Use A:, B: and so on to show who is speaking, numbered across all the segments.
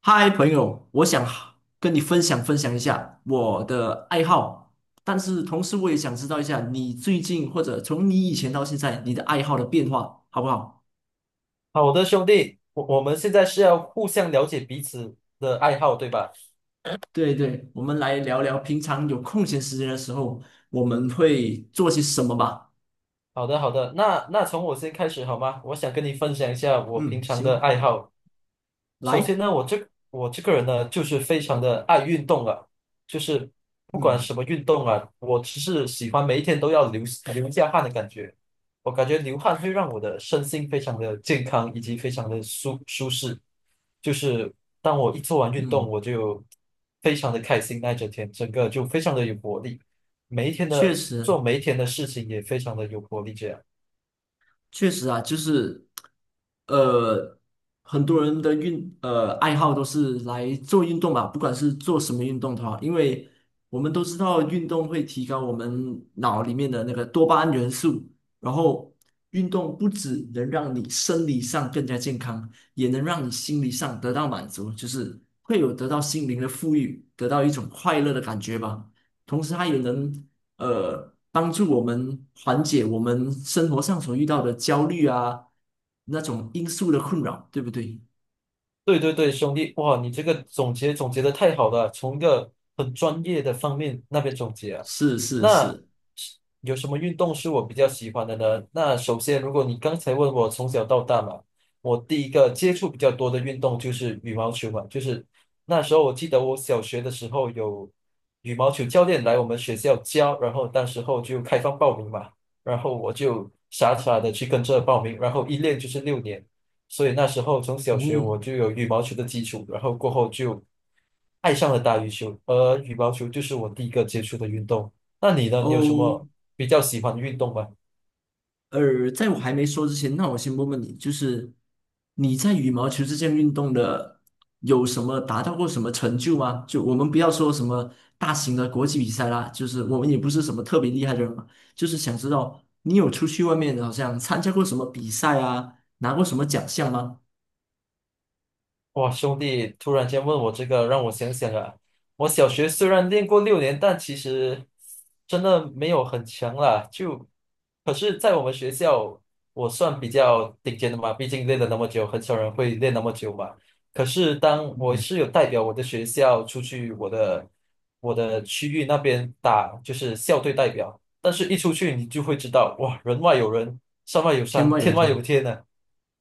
A: 嗨，朋友，我想跟你分享一下我的爱好，但是同时我也想知道一下你最近或者从你以前到现在你的爱好的变化，好不好？
B: 好的，兄弟，我们现在是要互相了解彼此的爱好，对吧？
A: 对对，我们来聊聊平常有空闲时间的时候我们会做些什么吧。
B: 好的，好的，那从我先开始好吗？我想跟你分享一下我平
A: 嗯，
B: 常的
A: 行，
B: 爱好。首先
A: 来，
B: 呢，我这个人呢，就是非常的爱运动啊，就是不管
A: 嗯
B: 什么运动啊，我只是喜欢每一天都要流一下汗的感觉。我感觉流汗会让我的身心非常的健康，以及非常的舒适。就是当我一做完运动，
A: 嗯，
B: 我就非常的开心，那一整天整个就非常的有活力。每一天
A: 确
B: 的
A: 实。
B: 做每一天的事情也非常的有活力，这样。
A: 确实啊，就是，呃，很多人的爱好都是来做运动吧，不管是做什么运动的话，因为我们都知道运动会提高我们脑里面的那个多巴胺元素，然后运动不只能让你生理上更加健康，也能让你心理上得到满足，就是会有得到心灵的富裕，得到一种快乐的感觉吧。同时，它也能帮助我们缓解我们生活上所遇到的焦虑啊，那种因素的困扰，对不对？
B: 对对对，兄弟，哇，你这个总结的太好了，从一个很专业的方面那边总结啊。
A: 是是
B: 那
A: 是。
B: 有什么运动是我比较喜欢的呢？那首先，如果你刚才问我从小到大嘛，我第一个接触比较多的运动就是羽毛球嘛，就是那时候我记得我小学的时候有羽毛球教练来我们学校教，然后当时候就开放报名嘛，然后我就傻傻的去跟着报名，然后一练就是六年。所以那时候从小学我
A: 嗯，
B: 就有羽毛球的基础，然后过后就爱上了打羽球，而羽毛球就是我第一个接触的运动。那你呢？你有什
A: 哦，
B: 么比较喜欢的运动吗？
A: 在我还没说之前，那我先问问你，就是你在羽毛球这项运动的有什么达到过什么成就吗？就我们不要说什么大型的国际比赛啦，就是我们也不是什么特别厉害的人嘛，就是想知道你有出去外面好像参加过什么比赛啊，拿过什么奖项吗？
B: 哇，兄弟，突然间问我这个，让我想想啊。我小学虽然练过六年，但其实真的没有很强啦。就，可是，在我们学校，我算比较顶尖的嘛，毕竟练了那么久，很少人会练那么久嘛。可是，当我是有代表我的学校出去，我的区域那边打，就是校队代表。但是，一出去你就会知道，哇，人外有人，山外有
A: 天
B: 山，
A: 外有
B: 天外有
A: 天，
B: 天呢、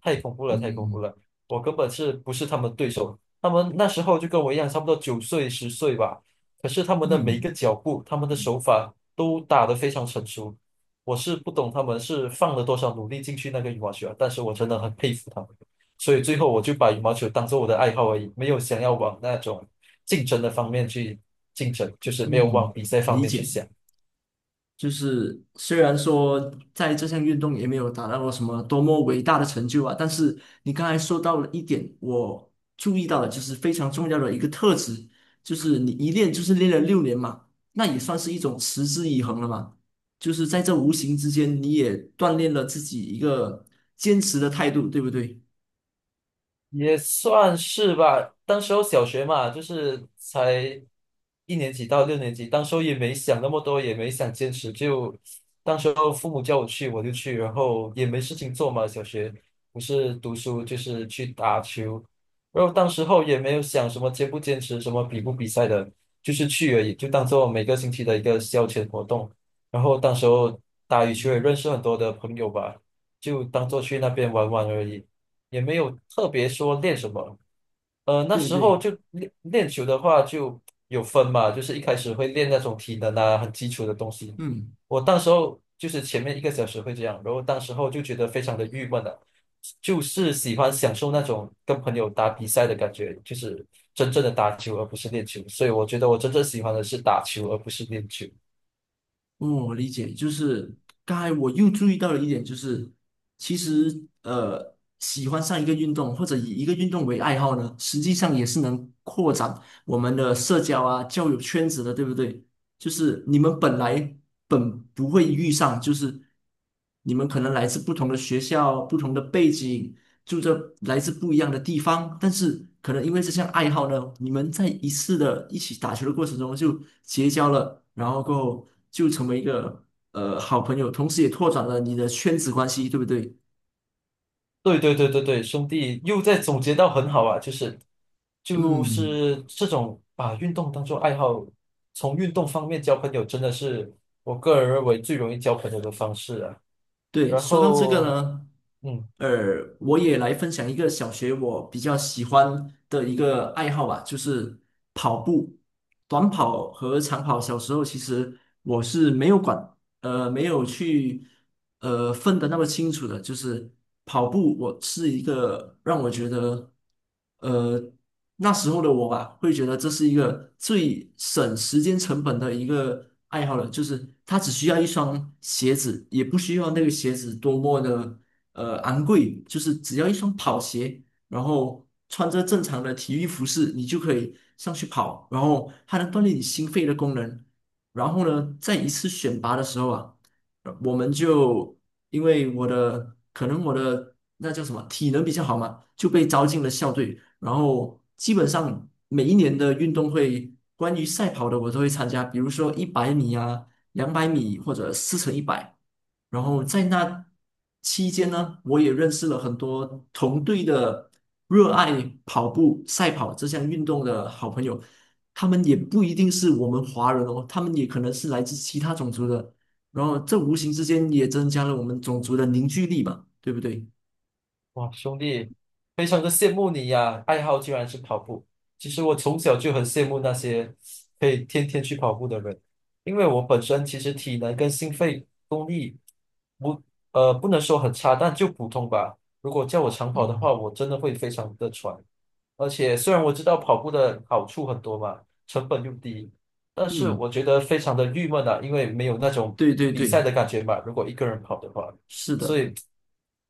B: 太恐怖了，太恐怖
A: 嗯
B: 了。我根本是不是他们对手。他们那时候就跟我一样，差不多9岁、10岁吧。可是他们的每一
A: 嗯
B: 个脚步、他们的手法都打得非常成熟。我是不懂他们是放了多少努力进去那个羽毛球啊但是我真的很佩服他们。所以最后我就把羽毛球当做我的爱好而已，没有想要往那种竞争的方面去竞争，就是没有
A: 嗯，
B: 往比赛方
A: 理
B: 面去
A: 解。
B: 想。
A: 就是虽然说在这项运动也没有达到过什么多么伟大的成就啊，但是你刚才说到了一点，我注意到了，就是非常重要的一个特质，就是你一练就是练了6年嘛，那也算是一种持之以恒了嘛。就是在这无形之间，你也锻炼了自己一个坚持的态度，对不对？
B: 也算是吧。当时候小学嘛，就是才一年级到六年级，当时候也没想那么多，也没想坚持，就当时候父母叫我去我就去，然后也没事情做嘛。小学不是读书就是去打球，然后当时候也没有想什么坚不坚持，什么比不比赛的，就是去而已，就当做每个星期的一个消遣活动。然后当时候打羽球也
A: 嗯，
B: 认识很多的朋友吧，就当做去那边玩玩而已。也没有特别说练什么。那
A: 对
B: 时
A: 对，
B: 候就练练球的话就有分嘛，就是一开始会练那种体能啊，很基础的东西。
A: 嗯。
B: 我当时候就是前面一个小时会这样，然后当时候就觉得非常的郁闷了，就是喜欢享受那种跟朋友打比赛的感觉，就是真正的打球而不是练球。所以我觉得我真正喜欢的是打球而不是练球。
A: 哦，理解，就是刚才我又注意到了一点，就是其实喜欢上一个运动或者以一个运动为爱好呢，实际上也是能扩展我们的社交啊、交友圈子的，对不对？就是你们本不会遇上，就是你们可能来自不同的学校、不同的背景，住着来自不一样的地方，但是可能因为这项爱好呢，你们在一次的一起打球的过程中就结交了，然后过后就成为一个好朋友，同时也拓展了你的圈子关系，对不对？
B: 对对对对对，兄弟又在总结到很好啊，就是就
A: 嗯，
B: 是这种把运动当做爱好，从运动方面交朋友，真的是我个人认为最容易交朋友的方式啊。
A: 对，
B: 然
A: 说到这个
B: 后，
A: 呢，
B: 嗯，
A: 呃，我也来分享一个小学我比较喜欢的一个爱好吧，就是跑步，短跑和长跑。小时候其实我是没有没有去分得那么清楚的，就是跑步，我是一个让我觉得呃那时候的我吧，会觉得这是一个最省时间成本的一个爱好了，就是它只需要一双鞋子，也不需要那个鞋子多么的昂贵，就是只要一双跑鞋。然后穿着正常的体育服饰，你就可以上去跑，然后它能锻炼你心肺的功能。然后呢，在一次选拔的时候啊，我们就因为我的那叫什么体能比较好嘛，就被招进了校队。然后基本上每一年的运动会，关于赛跑的我都会参加，比如说100米啊、200米或者4乘100。然后在那期间呢，我也认识了很多同队的热爱跑步、赛跑这项运动的好朋友。他们也不一定是我们华人哦，他们也可能是来自其他种族的。然后这无形之间也增加了我们种族的凝聚力吧，对不对？
B: 哇，兄弟，非常的羡慕你呀，爱好居然是跑步。其实我从小就很羡慕那些可以天天去跑步的人，因为我本身其实体能跟心肺。力。功力不，不能说很差，但就普通吧。如果叫我长跑的
A: 嗯，
B: 话，我真的会非常的喘。而且虽然我知道跑步的好处很多嘛，成本又低，但是
A: 嗯，
B: 我觉得非常的郁闷啊，因为没有那种
A: 对对
B: 比赛的
A: 对，
B: 感觉嘛。如果一个人跑的话，
A: 是
B: 所
A: 的。
B: 以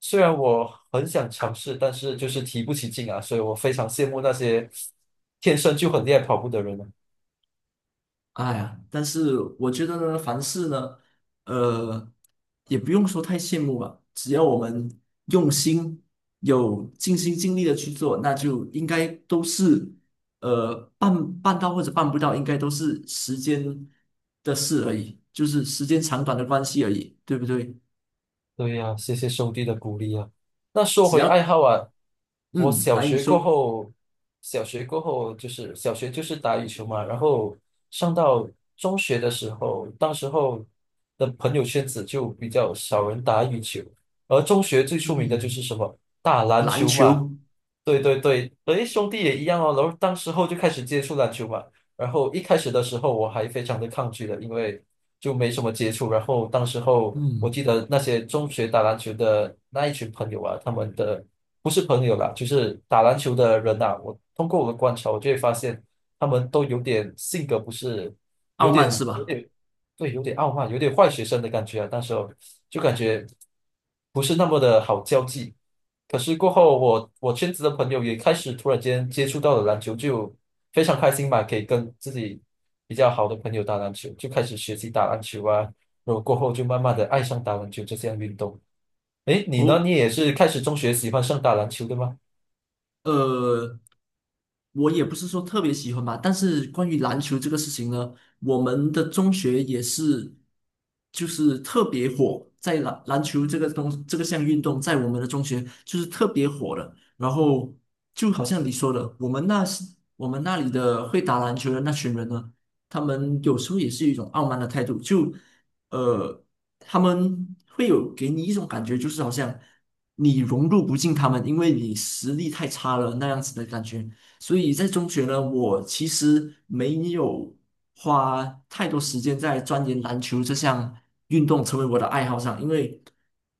B: 虽然我很想尝试，但是就是提不起劲啊，所以我非常羡慕那些天生就很厉害跑步的人啊。
A: 哎呀，但是我觉得呢，凡事呢，呃，也不用说太羡慕吧，只要我们用心，有尽心尽力的去做，那就应该都是，办到或者办不到，应该都是时间的事而已，就是时间长短的关系而已，对不对？
B: 对呀，谢谢兄弟的鼓励啊。那说
A: 只
B: 回爱
A: 要，
B: 好啊，我
A: 嗯，
B: 小
A: 来，你
B: 学过
A: 说。
B: 后，小学过后就是打羽球嘛，然后上到中学的时候，当时候的朋友圈子就比较少人打羽球，而中学最出名的就
A: 嗯，
B: 是什么打篮
A: 篮
B: 球嘛，
A: 球。
B: 对对对，诶，兄弟也一样哦。然后当时候就开始接触篮球嘛，然后一开始的时候我还非常的抗拒的，因为就没什么接触。然后当时候我
A: 嗯，
B: 记得那些中学打篮球的那一群朋友啊，他们的不是朋友啦，就是打篮球的人呐、我通过我的观察，我就会发现他们都有点性格不是，有
A: 傲慢是
B: 点有
A: 吧？
B: 点对，有点傲慢，有点坏学生的感觉啊。那时候就感觉不是那么的好交际。可是过后我圈子的朋友也开始突然间接触到了篮球，就非常开心嘛，可以跟自己比较好的朋友打篮球，就开始学习打篮球啊，然后过后就慢慢的爱上打篮球这项运动。诶，你呢？
A: 哦，
B: 你也是开始中学喜欢上打篮球的吗？
A: 呃。我也不是说特别喜欢吧，但是关于篮球这个事情呢，我们的中学也是，就是特别火，在篮球这个这个项运动，在我们的中学就是特别火的。然后就好像你说的，我们那里的会打篮球的那群人呢，他们有时候也是有一种傲慢的态度，就呃，他们会有给你一种感觉，就是好像你融入不进他们，因为你实力太差了那样子的感觉。所以在中学呢，我其实没有花太多时间在钻研篮球这项运动成为我的爱好上，因为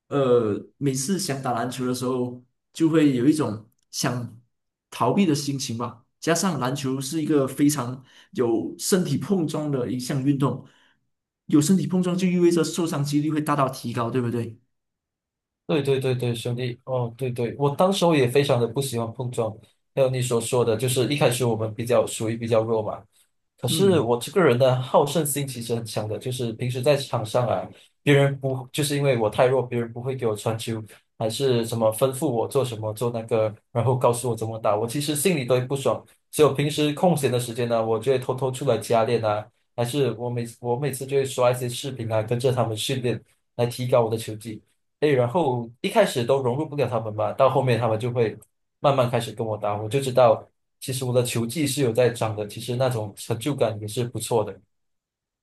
A: 每次想打篮球的时候，就会有一种想逃避的心情吧。加上篮球是一个非常有身体碰撞的一项运动，有身体碰撞就意味着受伤几率会大大提高，对不对？
B: 对对对对，兄弟，哦，对对，我当时候也非常的不喜欢碰撞，还有你所说的，就是一开始我们比较属于比较弱嘛，可是
A: 嗯。
B: 我这个人的好胜心其实很强的，就是平时在场上啊，别人不就是因为我太弱，别人不会给我传球，还是什么吩咐我做什么做那个，然后告诉我怎么打，我其实心里都会不爽。所以我平时空闲的时间呢，我就会偷偷出来加练啊，还是我每次就会刷一些视频啊，跟着他们训练来提高我的球技。哎，然后一开始都融入不了他们吧，到后面他们就会慢慢开始跟我打，我就知道其实我的球技是有在长的，其实那种成就感也是不错的。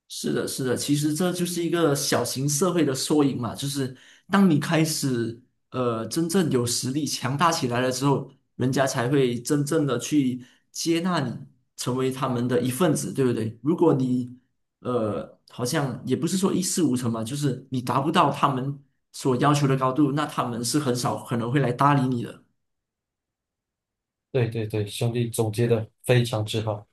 A: 是的，是的，其实这就是一个小型社会的缩影嘛，就是当你开始真正有实力强大起来了之后，人家才会真正的去接纳你，成为他们的一份子，对不对？如果你好像也不是说一事无成嘛，就是你达不到他们所要求的高度，那他们是很少可能会来搭理你的。
B: 对对对，兄弟总结的非常之好。